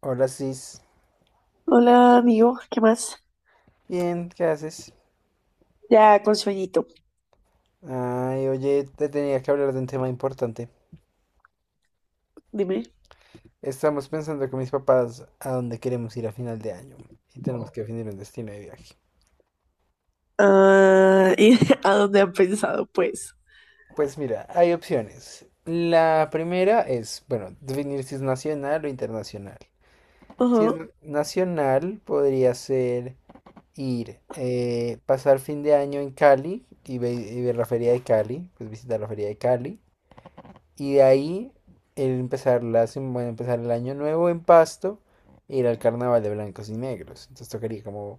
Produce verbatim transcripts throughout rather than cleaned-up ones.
Hola, Cis. Hola, amigo, ¿qué más? Bien, ¿qué haces? Ya con sueñito, Ay, oye, te tenía que hablar de un tema importante. dime. Estamos pensando con mis papás a dónde queremos ir a final de año y tenemos que definir un destino de viaje. Ah, ¿y a dónde han pensado, pues? Pues mira, hay opciones. La primera es, bueno, definir si es nacional o internacional. Si es Ajá. na- nacional, podría ser ir, eh, pasar fin de año en Cali y, ve- y ver la feria de Cali, pues visitar la feria de Cali. Y de ahí el empezar, la, sem- bueno, empezar el año nuevo en Pasto, ir al carnaval de blancos y negros. Entonces tocaría como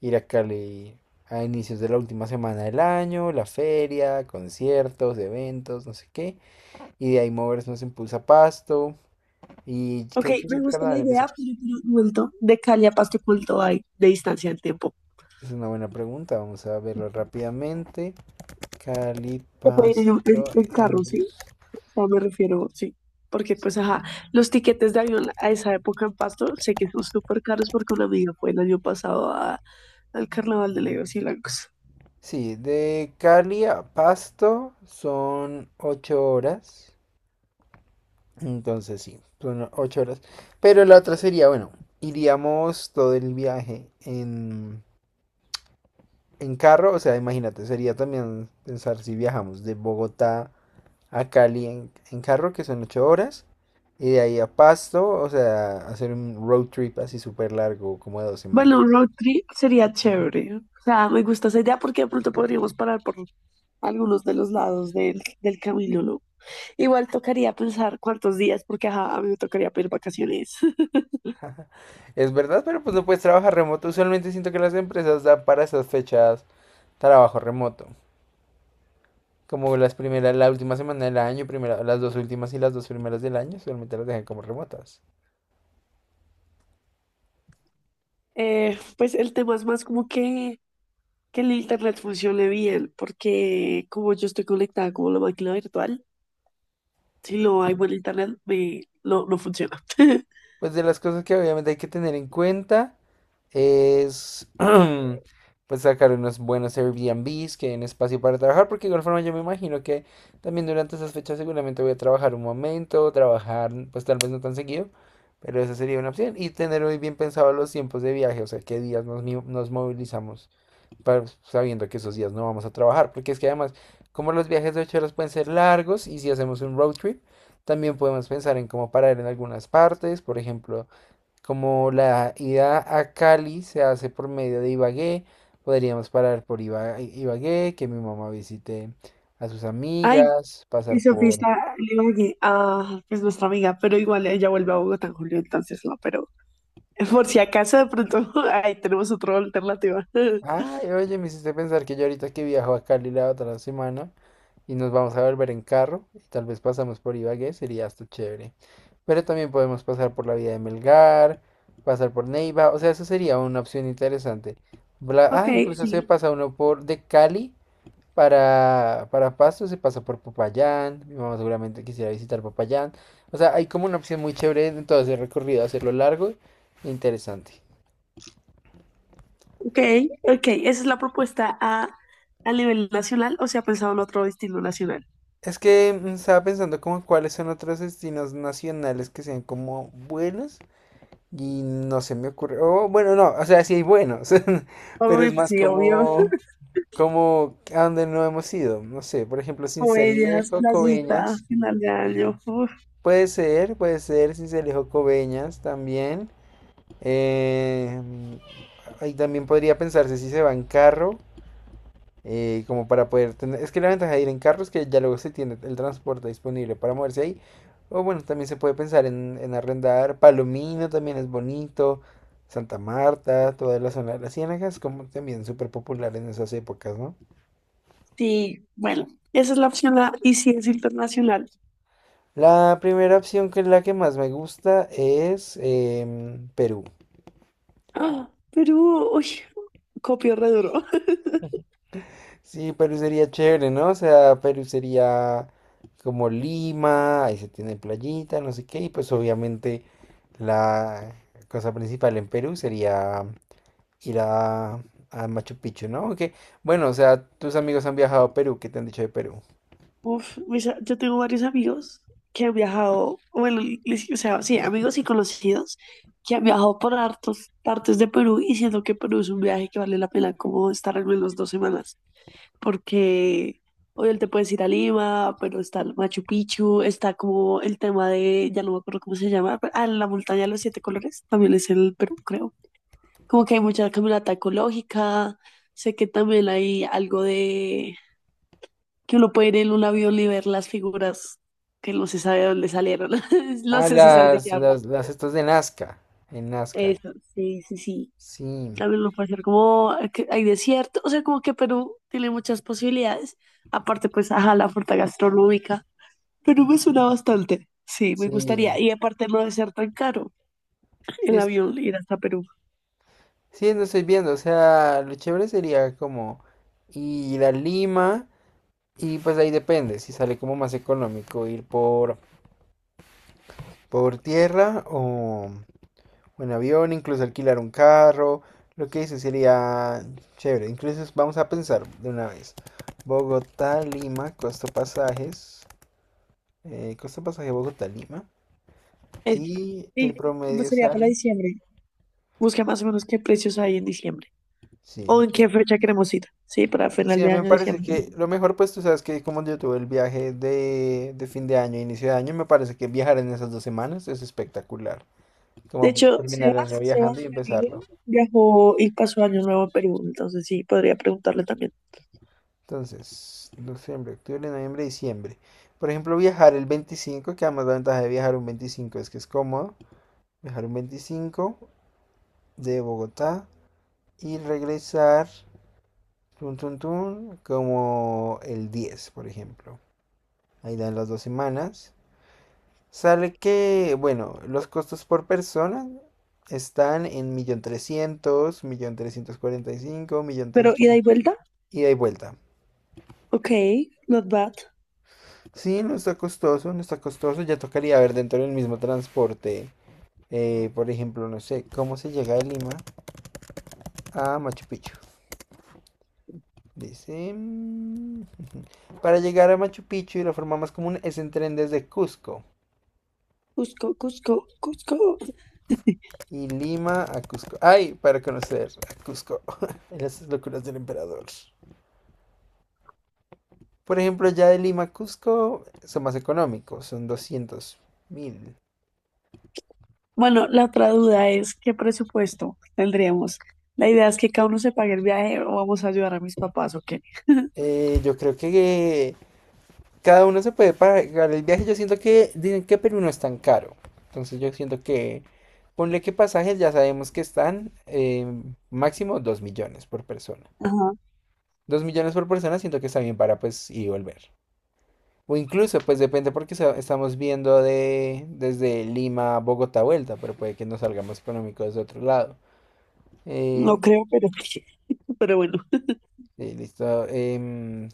ir a Cali a inicios de la última semana del año, la feria, conciertos, eventos, no sé qué. Y de ahí movernos en Pulsa Pasto. Y Ok, creo que me el gusta la carnaval empieza. idea, pero, pero vuelto de Cali a Pasto, ¿cuánto hay de distancia en tiempo? Es una buena pregunta, vamos a verlo rápidamente. Cali, Se puede ir en, un- Pasto, en- en en carro, ¿sí? bus. O sea, me refiero, sí. Porque, pues, ajá, los tiquetes de avión a esa época en Pasto sé que son súper caros porque una amiga fue el año pasado a- al Carnaval de Legos y Blancos. Sí, de Cali a Pasto son ocho horas. Entonces sí, son ocho horas. Pero la otra sería, bueno, iríamos todo el viaje en, en carro. O sea, imagínate, sería también pensar si viajamos de Bogotá a Cali en, en carro, que son ocho horas. Y de ahí a Pasto, o sea, hacer un road trip así súper largo, como de dos Bueno, un semanas. road trip sería chévere. O sea, me gusta esa idea porque de pronto podríamos parar por algunos de los lados del, del camino, ¿no? Igual tocaría pensar cuántos días, porque ajá, a mí me tocaría pedir vacaciones. Es verdad, pero pues no puedes trabajar remoto. Usualmente siento que las empresas dan para esas fechas trabajo remoto. Como las primeras, la última semana del año, primera, las dos últimas y las dos primeras del año, solamente las dejan como remotas. Eh, pues el tema es más como que, que el internet funcione bien, porque como yo estoy conectada como la máquina virtual, si no hay buen internet, me, no, no funciona. Pues de las cosas que obviamente hay que tener en cuenta es pues sacar unos buenos Airbnbs que den espacio para trabajar, porque de igual forma yo me imagino que también durante esas fechas seguramente voy a trabajar un momento, trabajar pues tal vez no tan seguido, pero esa sería una opción. Y tener muy bien pensado los tiempos de viaje, o sea, qué días nos, mi- nos movilizamos. pa- sabiendo que esos días no vamos a trabajar, porque es que además, como los viajes de ocho horas pueden ser largos y si hacemos un road trip, también podemos pensar en cómo parar en algunas partes, por ejemplo, como la ida a Cali se hace por medio de Ibagué, podríamos parar por Iba- Ibagué, que mi mamá visite a sus Ay, amigas, y pasar Sofía por... está en Ibagué. Ah, es nuestra amiga, pero igual ella vuelve a Bogotá en julio, entonces no, pero por si acaso de pronto ahí tenemos otra alternativa. Ay, oye, me hiciste pensar que yo ahorita que viajo a Cali la otra semana y nos vamos a volver en carro y tal vez pasamos por Ibagué, sería hasta chévere. Pero también podemos pasar por la vía de Melgar, pasar por Neiva, o sea, eso sería una opción interesante. Bla- Ok, ah, Incluso se sí. pasa uno por de Cali para, para Pasto, se pasa por Popayán, mi mamá seguramente quisiera visitar Popayán. O sea, hay como una opción muy chévere en todo ese recorrido, hacerlo largo e interesante. Ok, ok, esa es la propuesta a, a nivel nacional o se ha pensado en otro destino nacional. Es que mm, estaba pensando como cuáles son otros destinos nacionales que sean como buenos y no se me ocurre. Oh, bueno, no, o sea, sí hay buenos, pero Hombre, es pues más sí, obvio, como como a donde no hemos ido. No sé, por ejemplo, comedias, Sincelejo, playita, Coveñas. final de año. Uf. Puede ser, puede ser Sincelejo, Coveñas también. Eh, ahí también podría pensarse si se va en carro, eh, como para poder tener. Es que la ventaja de ir en carro es que ya luego se tiene el transporte disponible para moverse ahí. O bueno, también se puede pensar en, en arrendar. Palomino también es bonito. Santa Marta, toda la zona de las Ciénagas, como también súper popular en esas épocas, ¿no? Sí, bueno, esa es la opción A y si es internacional. La primera opción que es la que más me gusta es em, Perú. Ah, Perú, uy, copio re duro. Sí, Perú sería chévere, ¿no? O sea, Perú sería como Lima, ahí se tiene playita, no sé qué, y pues obviamente la cosa principal en Perú sería ir a, a Machu Picchu, ¿no? Aunque, bueno, o sea, tus amigos han viajado a Perú, ¿qué te han dicho de Perú? Uf, mis a- yo tengo varios amigos que han viajado, bueno, les- o sea, sí, amigos y conocidos que han viajado por hartos partes de Perú y siento que Perú es un viaje que vale la pena como estar al menos dos semanas. Porque obviamente puedes ir a Lima, pero está el Machu Picchu, está como el tema de, ya no me acuerdo cómo se llama, pero- ah, la montaña de los siete colores, también es en el Perú, creo. Como que hay mucha caminata ecológica, sé que también hay algo de que uno puede ir en un avión y ver las figuras que no se sabe de dónde salieron, no Ah, no, sé si sabes de qué las, hablo. las, las estas de Nazca, en Nazca, Eso, sí, sí, sí. sí, También lo puede hacer como que hay desierto, o sea, como que Perú tiene muchas posibilidades. Aparte, pues, ajá, la oferta gastronómica. Pero me suena bastante. Sí, me sí, gustaría. Y aparte no debe ser tan caro sí, el es- avión ir hasta Perú. sí, no estoy viendo, o sea, lo chévere sería como ir a Lima. Y pues ahí depende, si sale como más económico ir por, por tierra o en avión, incluso alquilar un carro. Lo que dice sería chévere. Incluso vamos a pensar de una vez. Bogotá, Lima, costo pasajes. eh, costo pasaje Bogotá, Lima. Es- Y el sí, pues promedio sería para sale. diciembre. Busca más o menos qué precios hay en diciembre. Sí. O en qué fecha queremos ir. Sí, para final Sí, a de mí me año, parece diciembre. que lo mejor, pues tú sabes que como yo tuve el viaje de, de fin de año, inicio de año, me parece que viajar en esas dos semanas es espectacular. De Como pues, hecho, terminar el Sebas, año viajando y Sebas, mi amigo, empezarlo. viajó y pasó año nuevo en Perú. Entonces sí, podría preguntarle también. Entonces, noviembre, octubre, noviembre, diciembre. Por ejemplo, viajar el veinticinco, que además la ventaja de viajar un veinticinco es que es cómodo. Viajar un veinticinco de Bogotá y regresar, tun, tun, tun, como el diez por ejemplo. Ahí dan las dos semanas. Sale que, bueno, los costos por persona están en millón millón trescientos mil, un millón trescientos cuarenta y cinco, Pero un millón trescientos mil, ida un millón trescientos cuarenta y cinco mil, y vuelta. un millón trescientos mil ida y vuelta. Ok, not bad. Sí, no está costoso, no está costoso. Ya tocaría ver dentro del mismo transporte. eh, por ejemplo, no sé, ¿cómo se llega de Lima a Machu Picchu? Dice. mm, Para llegar a Machu Picchu, la forma más común es en tren desde Cusco. Cusco, Cusco, Cusco. Y Lima a Cusco. ¡Ay! Para conocer a Cusco. Las locuras del emperador. Por ejemplo, ya de Lima a Cusco son más económicos, son doscientos mil. Bueno, la otra duda es qué presupuesto tendríamos. La idea es que cada uno se pague el viaje o vamos a ayudar a mis papás, ¿o qué? Eh, yo creo que cada uno se puede pagar el viaje. Yo siento que dicen que Perú no es tan caro. Entonces yo siento que ponle que pasajes ya sabemos que están, eh, máximo dos millones por persona. Ajá, Dos millones por persona siento que está bien para pues ir y volver. O incluso pues depende porque sa- estamos viendo de desde Lima a Bogotá vuelta, pero puede que nos salga más económico desde otro lado. Eh, no creo, pero, pero bueno. Sí, listo. em,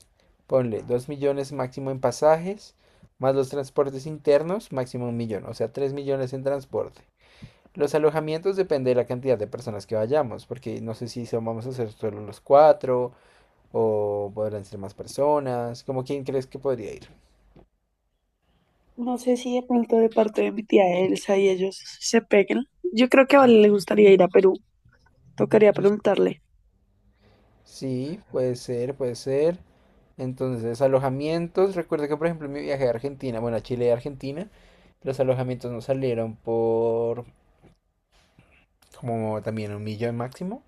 Ponle dos millones máximo en pasajes, más los transportes internos, máximo un millón, o sea, tres millones en transporte. Los alojamientos depende de la cantidad de personas que vayamos, porque no sé si son- vamos a ser solo los cuatro o podrán ser más personas. ¿Cómo, quién crees que podría ir? No sé si de pronto de parte de mi tía Elsa y ellos se peguen. Yo creo que a Vale le gustaría ir a Perú. Tocaría preguntarle. Sí, puede ser, puede ser. Entonces, alojamientos. Recuerdo que, por ejemplo, en mi viaje a Argentina, bueno, a Chile y Argentina, los alojamientos nos salieron por como también un millón máximo.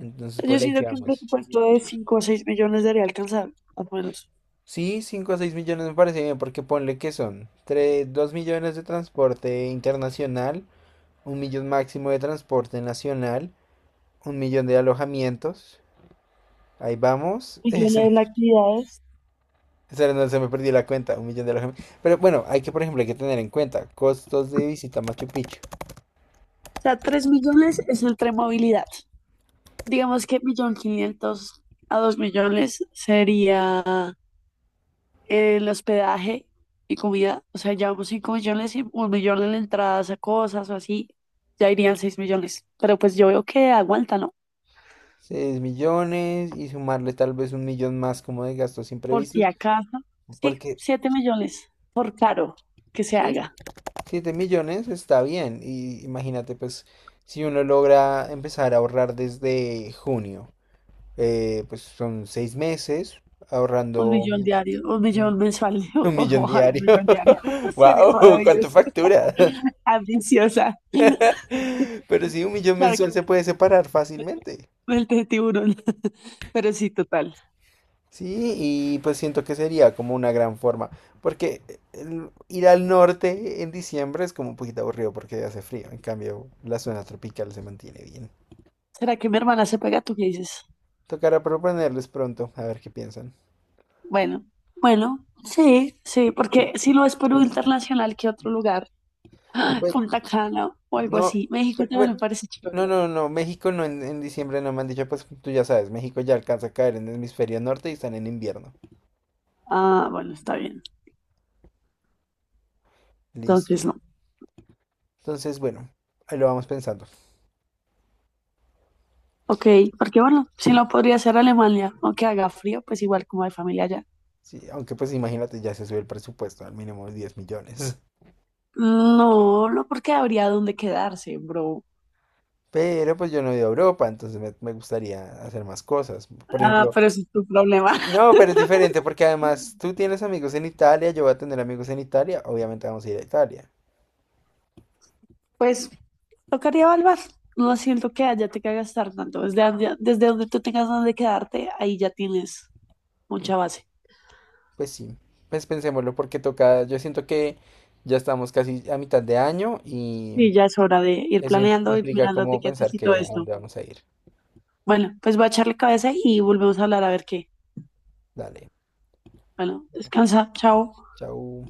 Entonces, Yo pues ahí siento que un quedamos. presupuesto de cinco o seis millones debería alcanzar, más o menos. Sí, cinco a seis millones me parece bien, porque ponle que son tres, dos millones de transporte internacional, un millón máximo de transporte nacional, un millón de alojamientos. Ahí vamos. Millones de actividades. Eh, se me, se me se me perdió la cuenta, un millón de alojamientos. Pero bueno, hay que, por ejemplo, hay que tener en cuenta costos de visita a Machu Picchu. O sea, tres millones es el tren movilidad. Digamos que millón quinientos a dos millones sería el hospedaje y comida, o sea, llevamos cinco millones y un millón en entradas a cosas o así, ya irían seis millones. Pero pues yo veo que aguanta, ¿no? Seis millones y sumarle tal vez un millón más como de gastos Por si imprevistos, acaso, sí, porque siete millones, por caro que se sí, haga. siete millones está bien. Y imagínate, pues, si uno logra empezar a ahorrar desde junio, eh, pues son seis meses Un ahorrando. millón diario, un Ujú. millón mensual, Un o- millón ojalá un diario. millón diario, sería ¡Wow! ¿Cuánto maravilloso, factura? ambiciosa. Pero sí, un millón Claro que mensual se puede separar fácilmente. el de tiburón, pero sí, total. Sí, y pues siento que sería como una gran forma. Porque el- ir al norte en diciembre es como un poquito aburrido porque hace frío. En cambio, la zona tropical se mantiene bien. ¿Será que mi hermana se pega? ¿Tú qué dices? Tocará proponerles pronto, a ver qué piensan. Bueno, bueno, sí, sí, porque si no es Perú internacional, ¿qué otro lugar? Pues Punta Cana o algo no, así. México pe- también bueno, me parece no, chévere. no, no, México no, en, en diciembre no me han dicho, pues tú ya sabes, México ya alcanza a caer en el hemisferio norte y están en invierno. Ah, bueno, está bien. Listo. Entonces no. Entonces, bueno, ahí lo vamos pensando. Ok, porque bueno, si no podría ser Alemania, aunque haga frío, pues igual como hay familia allá. Sí, aunque pues imagínate, ya se sube el presupuesto al mínimo de diez millones. No, no porque habría dónde quedarse, bro. Pero pues yo no he ido a Europa, entonces me, me gustaría hacer más cosas. Por Ah, ejemplo, pero ese es tu problema. no, pero es diferente porque además tú tienes amigos en Italia, yo voy a tener amigos en Italia, obviamente vamos a ir a Italia. Pues tocaría evaluar. No siento que haya te que gastar tanto. Desde, donde- desde donde tú tengas donde quedarte, ahí ya tienes mucha base. Pues sí, pues pensémoslo porque toca, yo siento que ya estamos casi a mitad de año y Sí, ya es hora de ir eso im- planeando, ir implica mirando como pensar etiquetas y que todo a esto. dónde vamos a ir. Bueno, pues voy a echarle cabeza y volvemos a hablar a ver qué. Dale, Bueno, bueno, descansa, chao. chau.